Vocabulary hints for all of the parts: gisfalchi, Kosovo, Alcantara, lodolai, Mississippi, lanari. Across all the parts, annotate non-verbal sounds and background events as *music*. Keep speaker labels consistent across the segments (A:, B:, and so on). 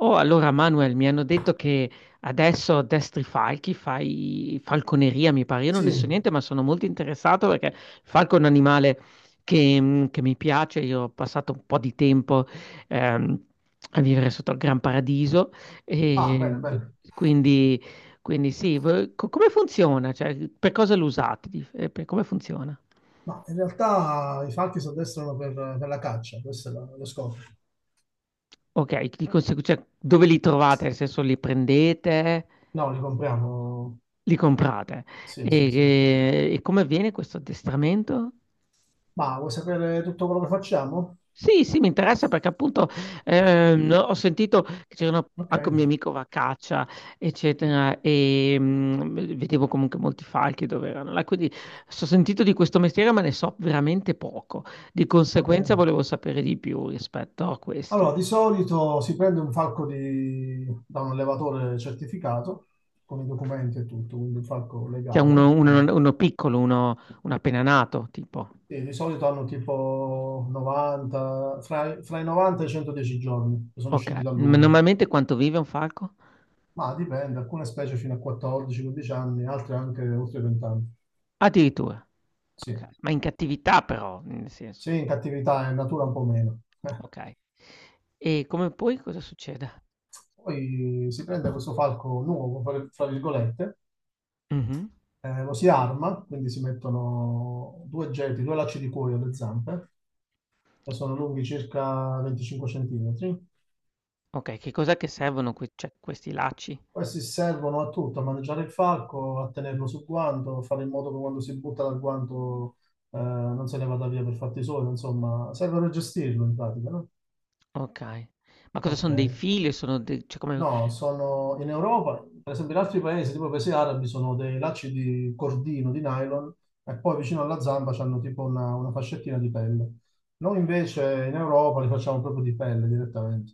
A: Oh, allora Manuel, mi hanno detto che adesso addestri falchi, fai falconeria, mi pare. Io non
B: Sì,
A: ne so niente, ma sono molto interessato perché il falco è un animale che, che mi piace. Io ho passato un po' di tempo ehm, a vivere sotto il Gran Paradiso
B: ah, bene,
A: e
B: bene.
A: quindi, quindi sì, come funziona? Cioè, per cosa lo usate? Come funziona?
B: Ma in realtà i falchi si addestrano per la caccia, questo è lo scopo.
A: Ok, di conseguenza, cioè, dove li trovate? Nel senso, li prendete?
B: No, li compriamo.
A: Li comprate.
B: Sì, sì, sì.
A: E, come avviene questo addestramento?
B: Ma vuoi sapere tutto quello che facciamo?
A: Sì, sì, mi interessa perché appunto ho sentito che c'erano
B: Ok,
A: anche un mio amico va a caccia, eccetera, e vedevo comunque molti falchi dove erano là. Quindi ho sentito di questo mestiere, ma ne so veramente poco. Di
B: ok.
A: conseguenza volevo sapere di più rispetto a
B: Allora,
A: questo.
B: di solito si prende un falco da un allevatore certificato, con i documenti e tutto, quindi un falco
A: C'è uno,
B: legale. Quindi-
A: uno piccolo, uno, uno appena nato, tipo.
B: e di solito hanno tipo 90, fra i 90 e i 110 giorni che sono
A: Ok.
B: usciti
A: Ma
B: dall'uovo.
A: normalmente quanto vive un falco?
B: Ma dipende, alcune specie fino a 14-15 anni, altre anche oltre 20 anni.
A: Addirittura.
B: Sì,
A: Okay, ma in cattività però, nel senso.
B: sì, in cattività è in natura un po' meno.
A: Okay. E come poi cosa succede?
B: Poi si prende questo falco nuovo, fra virgolette,
A: Mh-mh.
B: lo si arma, quindi si mettono due geti, due lacci di cuoio alle zampe, che sono lunghi circa 25 centimetri.
A: Okay, che cos'è che servono que cioè questi lacci?
B: Questi servono a tutto, a maneggiare il falco, a tenerlo sul guanto, a fare in modo che quando si butta dal guanto non se ne vada via per fatti suoi, insomma, servono a gestirlo in pratica, no?
A: Okay. Ma cosa
B: Ok.
A: son dei fili o sono de cioè come
B: No, sono in Europa, per esempio in altri paesi, tipo i paesi arabi, sono dei lacci di cordino, di nylon, e poi vicino alla zamba c'hanno tipo una fascettina di pelle. Noi invece in Europa li facciamo proprio di pelle direttamente.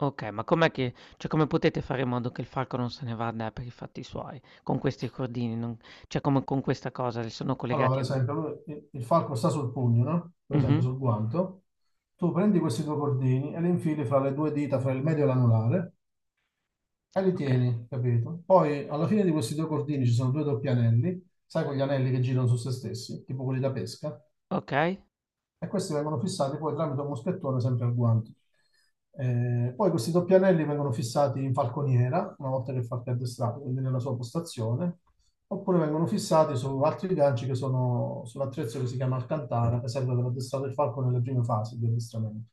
A: okay, ma com'è che cioè come potete fare in modo che il falco non se ne vada per i fatti suoi con questi cordini? Non cioè come con questa cosa, li sono
B: Allora, per
A: collegati a vo
B: esempio, il falco sta sul pugno, no? Per esempio
A: mh-mh,
B: sul guanto. Tu prendi questi due cordini e li infili fra le due dita, fra il medio e l'anulare, e li
A: okay,
B: tieni, capito? Poi alla fine di questi due cordini ci sono due doppi anelli, sai quegli anelli che girano su se stessi, tipo quelli da pesca?
A: okay.
B: E questi vengono fissati poi tramite un moschettone sempre al guanto. Poi questi doppi anelli vengono fissati in falconiera, una volta che il falco è addestrato, quindi nella sua postazione, oppure vengono fissati su altri ganci che sono sull'attrezzo che si chiama Alcantara, che serve per addestrare il falco nelle prime fasi di addestramento.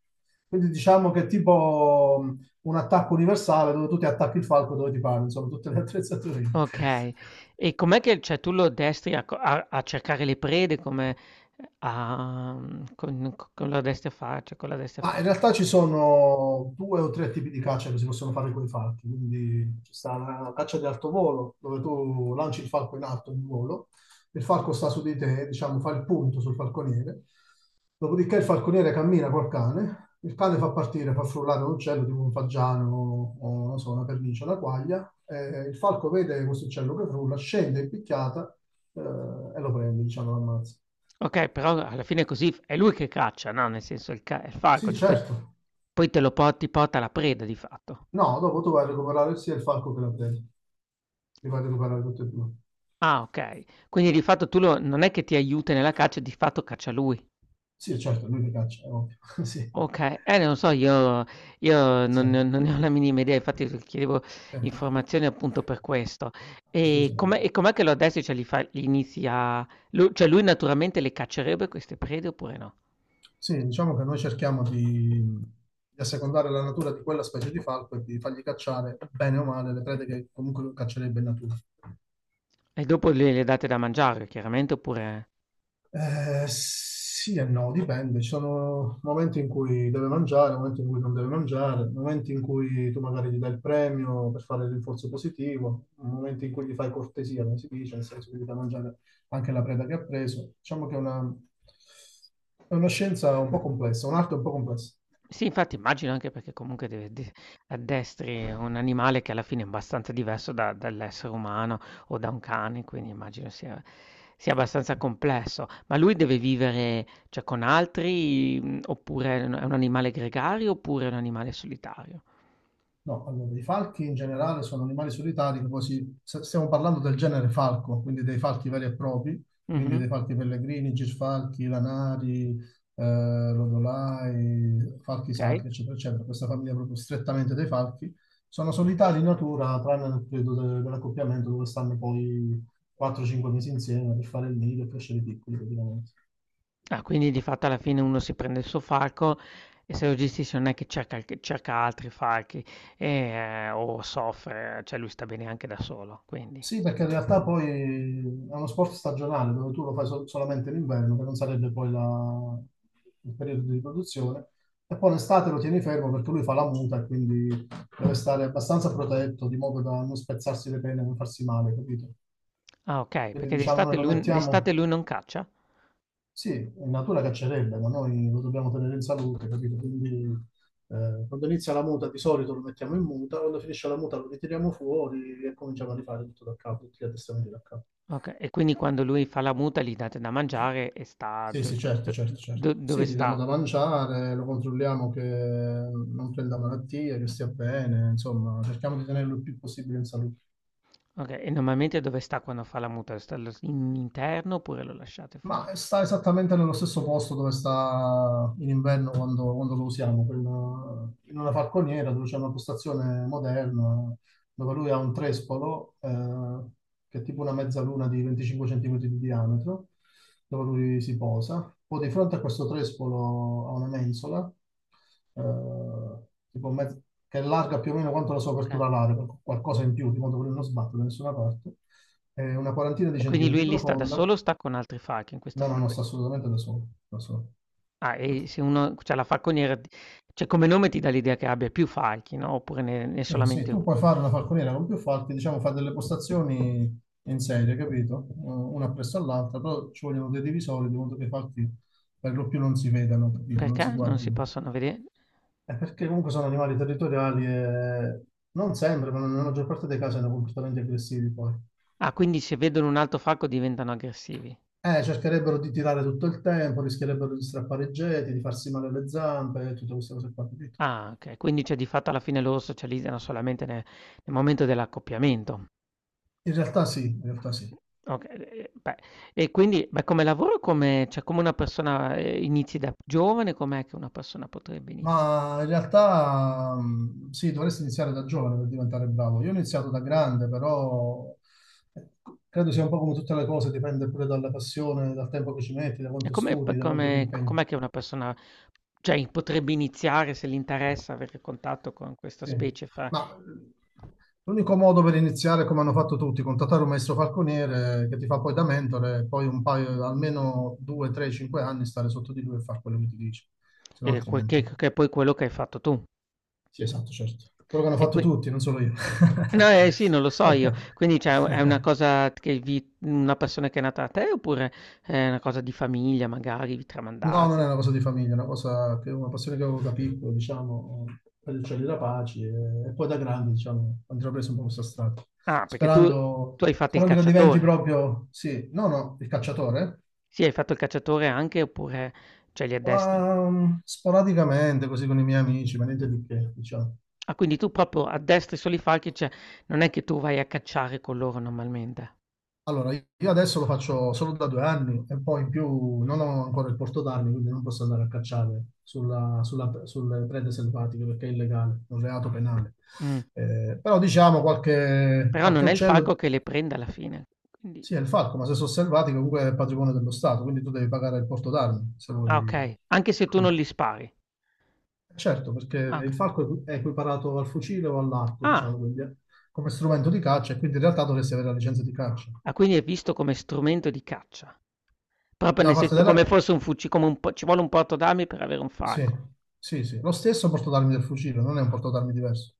B: Quindi diciamo che è tipo un attacco universale dove tu ti attacchi il falco dove ti pare, insomma, tutte le attrezzature.
A: Okay.
B: *laughs*
A: E com'è che cioè tu lo addestri a co a a cercare le prede come a mhmm, con co con lo addestri a fare cioè cosa lo addestri a
B: Ma in
A: fare?
B: realtà ci sono due o tre tipi di caccia che si possono fare con i falchi, quindi ci sta la caccia di alto volo, dove tu lanci il falco in alto, in volo, il falco sta su di te, diciamo, fa il punto sul falconiere, dopodiché il falconiere cammina col cane, il cane fa partire, fa frullare un uccello tipo un fagiano o non so, una pernice, una quaglia, e il falco vede questo uccello che frulla, scende in picchiata e lo prende, diciamo, lo ammazza.
A: Okay, però alla fine è così f è lui che caccia, no, nel senso il falco,
B: Sì,
A: cioè poi
B: certo.
A: poi te lo po ti porta la preda di fatto.
B: No, dopo tu vai a recuperare sia il falco che la preda. Li voglio recuperare tutti e due.
A: Ah, okay. Quindi di fatto tu lo non è che ti aiuta nella caccia, di fatto caccia lui.
B: Sì, certo, lui li caccia, è ovvio. *laughs* Sì,
A: Okay, non so, io
B: sì,
A: non ne ho la minima idea, infatti s chiedevo
B: sì.
A: informazioni appunto per questo. E
B: Scusami allora.
A: com'è che lo addestri? Cioè, li inizi a lu cioè, lui naturalmente le caccerebbe queste prede oppure no?
B: Sì, diciamo che noi cerchiamo di assecondare la natura di quella specie di falco e di fargli cacciare, bene o male, le prede che comunque caccerebbe in natura.
A: E dopo le date da mangiare chiaramente oppure
B: Sì e no, dipende. Ci sono momenti in cui deve mangiare, momenti in cui non deve mangiare, momenti in cui tu magari gli dai il premio per fare il rinforzo positivo, momenti in cui gli fai cortesia, come si dice, nel senso che gli dai da mangiare anche la preda che ha preso. Diciamo che è una scienza un po' complessa, un'arte un po' complessa.
A: sì, infatti immagino anche perché comunque deve de addestri un animale che alla fine è abbastanza diverso da dall'essere umano o da un cane, quindi immagino sia abbastanza complesso. Ma lui deve vivere, cioè, con altri, oppure è un animale gregario, oppure è un animale solitario?
B: No, allora, i falchi in generale sono animali solitari, che stiamo parlando del genere falco, quindi dei falchi veri e propri, quindi
A: Mh-mh,
B: dei falchi pellegrini, gisfalchi, lanari, lodolai, falchi
A: okay.
B: sacri, eccetera, eccetera. Questa famiglia proprio strettamente dei falchi. Sono solitari in natura, tranne nel periodo dell'accoppiamento, dove stanno poi 4-5 mesi insieme per fare il nido e crescere piccoli, praticamente.
A: Ah, quindi di fatto alla fine uno si prende il suo falco e se lo gestisce non è che cerca il che cerca altri falchi, o soffre, cioè lui sta bene anche da solo, quindi.
B: Sì, perché in realtà poi è uno sport stagionale dove tu lo fai solamente l'inverno, che non sarebbe poi il periodo di riproduzione, e poi l'estate lo tieni fermo perché lui fa la muta e quindi deve stare abbastanza protetto, di modo da non spezzarsi le pene, non farsi male, capito?
A: Ah okay,
B: Quindi
A: perché
B: diciamo noi lo mettiamo,
A: d'estate lui non caccia?
B: sì, in natura caccerebbe, ma noi lo dobbiamo tenere in salute, capito? Quindi quando inizia la muta di solito lo mettiamo in muta, quando finisce la muta lo ritiriamo fuori e cominciamo a rifare tutto da capo, tutti gli addestramenti da capo.
A: Okay, e quindi quando lui fa la muta gli date da mangiare e sta
B: Sì,
A: do
B: sì,
A: cioè
B: certo, certo, certo.
A: do dove
B: Sì, gli diamo
A: sta?
B: da mangiare, lo controlliamo che non prenda malattie, che stia bene, insomma, cerchiamo di tenerlo il più possibile in salute.
A: Okay, e normalmente dove sta quando fa la muta? Sta allo s in interno oppure lo lasciate fuori?
B: Ma sta esattamente nello stesso posto dove sta in inverno quando lo usiamo, in una falconiera dove c'è una postazione moderna, dove lui ha un trespolo che è tipo una mezzaluna di 25 centimetri di diametro, dove lui si posa. Poi di fronte a questo trespolo ha una mensola, eh, tipo mezz- che è larga più o meno quanto la sua
A: Okay.
B: apertura alare, qualcosa in più, di modo che lui non sbatte da nessuna parte, è una quarantina di
A: E quindi
B: centimetri
A: lui lì sta da
B: profonda.
A: solo o sta con altri falchi in questa
B: No, no, no, sta
A: falconiera?
B: assolutamente da solo. Da solo.
A: Ah, e se uno c'ha la falconiera d cioè come nome ti dà l'idea che abbia più falchi, no, oppure ne è
B: Sì,
A: solamente
B: tu
A: 1?
B: puoi fare una falconiera con più falchi, diciamo, fare delle postazioni in serie, capito? Una appresso all'altra, però ci vogliono dei divisori di modo che i falchi per lo più non si vedano, capito? Non
A: Perché
B: si
A: non si
B: guardino.
A: possono vede
B: È perché comunque sono animali territoriali e non sempre, ma nella maggior parte dei casi sono comportamenti aggressivi poi.
A: ah, quindi se vedono un altro falco diventano aggressivi.
B: Cercherebbero di tirare tutto il tempo, rischierebbero di strappare i geti, di farsi male alle zampe, tutte queste cose qua, capito?
A: Ah, okay. Quindi, cioè, di fatto alla fine loro socializzano solamente ne nel momento dell'accoppiamento.
B: In realtà sì, in realtà sì.
A: Okay, e beh, e quindi beh, come lavoro come cioè, come una persona, inizi da giovane, com'è che una persona potrebbe inizia
B: Ma in realtà sì, dovresti iniziare da giovane per diventare bravo. Io ho iniziato da grande, però eh, credo sia un po' come tutte le cose, dipende pure dalla passione, dal tempo che ci metti, da
A: e
B: quanto
A: come
B: studi,
A: p
B: da quanto ti
A: come co
B: impegni.
A: com'è che una persona, cioè, potrebbe iniziare se gli interessa avere contatto con questa
B: Sì.
A: specie fra
B: Ma l'unico modo per iniziare, come hanno fatto tutti, contattare un maestro falconiere che ti fa poi da mentore, e poi un paio, almeno 2, 3, 5 anni stare sotto di lui e fare quello che ti dice, se no
A: que
B: altrimenti.
A: che è poi quello che hai fatto tu?
B: Sì, esatto, certo. Quello che hanno
A: E
B: fatto
A: qui
B: tutti, non solo io.
A: no, sì, non lo so io. Quindi cioè
B: *laughs*
A: è una cosa che vi una persona che è nata da te oppure è una cosa di famiglia magari, vi
B: No, non è una
A: tramandate?
B: cosa di famiglia, è una cosa che una passione che avevo da piccolo, diciamo, per il cielo da pace e poi da grande, diciamo, ho intrapreso un po' questa strada.
A: Ah, perché tu tu hai fatto il
B: Sperando che diventi
A: cacciatore.
B: proprio, sì, no, no, il cacciatore,
A: Sì, hai fatto il cacciatore anche oppure cioè li addestri?
B: ma sporadicamente, così con i miei amici, ma niente di che, diciamo.
A: Ah, quindi tu proprio addestri solo i falchi, cioè non è che tu vai a cacciare con loro normalmente.
B: Allora, io adesso lo faccio solo da 2 anni e poi in più non ho ancora il porto d'armi, quindi non posso andare a cacciare sulle prede selvatiche perché è illegale, è un reato penale.
A: Mh.
B: Però diciamo
A: Però
B: qualche
A: non è il falco
B: uccello,
A: che le prende alla fine. Quindi
B: sì, è il falco, ma se sono selvatiche comunque è patrimonio dello Stato, quindi tu devi pagare il porto d'armi se vuoi.
A: ah, okay. Anche se tu non
B: Mm.
A: li spari.
B: Certo, perché
A: Ah,
B: il
A: okay.
B: falco è equiparato al fucile o all'arco,
A: Ah,
B: diciamo, quindi, come strumento di caccia e quindi in realtà dovresti avere la licenza di caccia.
A: ah, quindi è visto come strumento di caccia. Proprio
B: Da
A: nel
B: parte
A: senso come
B: della,
A: fosse un fuci come un po ci vuole un portodarmi per avere un
B: sì,
A: falco.
B: sì, sì. Lo stesso portatarmi del fucile, non è un portatarmi diverso.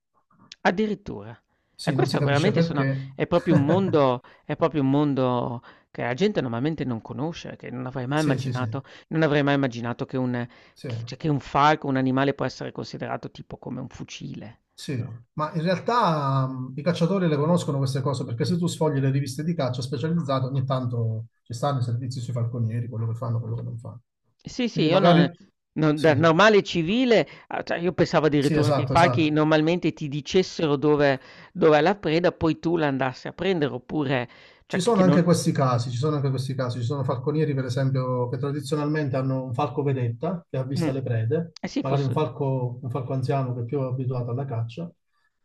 A: Addirittura. E
B: Sì, non si
A: questo
B: capisce
A: veramente sono
B: perché.
A: è proprio un
B: *laughs*
A: mondo è proprio un mondo che la gente normalmente non conosce, che non avrei mai
B: Sì, sì, sì,
A: immaginato non avrei mai immaginato che un
B: sì,
A: che cioè che un falco, un animale può essere considerato tipo come un fucile,
B: sì.
A: no?
B: Ma in realtà i cacciatori le conoscono queste cose perché se tu sfogli le riviste di caccia specializzate, ogni tanto ci stanno i servizi sui falconieri, quello che fanno, quello che non fanno.
A: Sì, sì,
B: Quindi
A: io non
B: magari...
A: non da
B: Sì,
A: normale civile, a cioè io pensavo
B: sì,
A: addirittura che i
B: esatto,
A: falchi
B: esatto.
A: normalmente ti dicessero dove dov'è la preda, poi tu la andassi a prendere oppure
B: Ci
A: cioè
B: sono
A: che non
B: anche questi casi, ci sono anche questi casi, ci sono falconieri per esempio che tradizionalmente hanno un falco vedetta che avvista
A: mh.
B: le prede,
A: Eh sì
B: magari
A: fosse
B: un falco anziano che è più abituato alla caccia.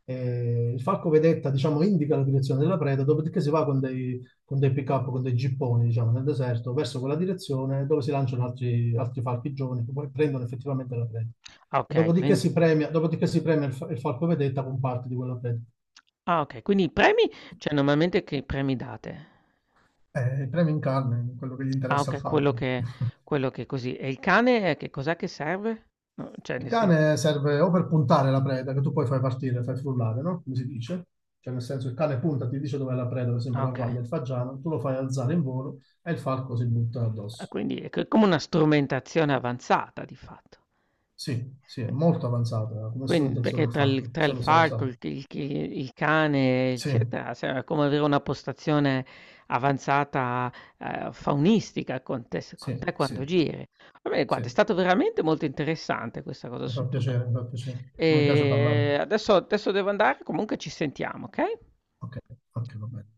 B: E il falco vedetta diciamo indica la direzione della preda, dopodiché si va con dei pick-up, con dei gipponi diciamo nel deserto verso quella direzione dove si lanciano altri falchi giovani che poi prendono effettivamente la preda.
A: ah
B: E
A: okay, quin
B: dopodiché si premia il falco vedetta con parte di quella preda.
A: ah okay, quindi i premi cioè normalmente che premi date?
B: Il premio in carne, quello che gli
A: Ah
B: interessa al
A: okay,
B: falco. *laughs*
A: quello che così. E il cane che cos'è che serve? No, cioè
B: Il
A: nel senso
B: cane serve o per puntare la preda, che tu poi fai partire, fai frullare, no? Come si dice? Cioè, nel senso, il cane punta, ti dice dov'è la preda, per esempio
A: ah
B: la
A: okay.
B: quaglia, il fagiano, tu lo fai alzare in volo e il falco si butta
A: Ah,
B: addosso.
A: quindi è c come una strumentazione avanzata di fatto.
B: Sì, sì, è
A: Beh.
B: molto avanzata come
A: Quin
B: strumentazione
A: perché
B: il falco,
A: tra
B: se
A: il
B: lo sa
A: falco,
B: usare.
A: il cane,
B: Sì,
A: eccetera, cioè è come avere una postazione avanzata, faunistica con
B: sì,
A: te
B: sì,
A: quando giri. Va bene,
B: sì,
A: guarda, è
B: mi
A: stato veramente molto interessante questa cosa
B: fa
A: sul tuo
B: piacere,
A: lavoro.
B: mi fa piacere. Mi piace parlarne.
A: Adesso devo andare, comunque ci sentiamo, okay?
B: Ok, ok, va bene.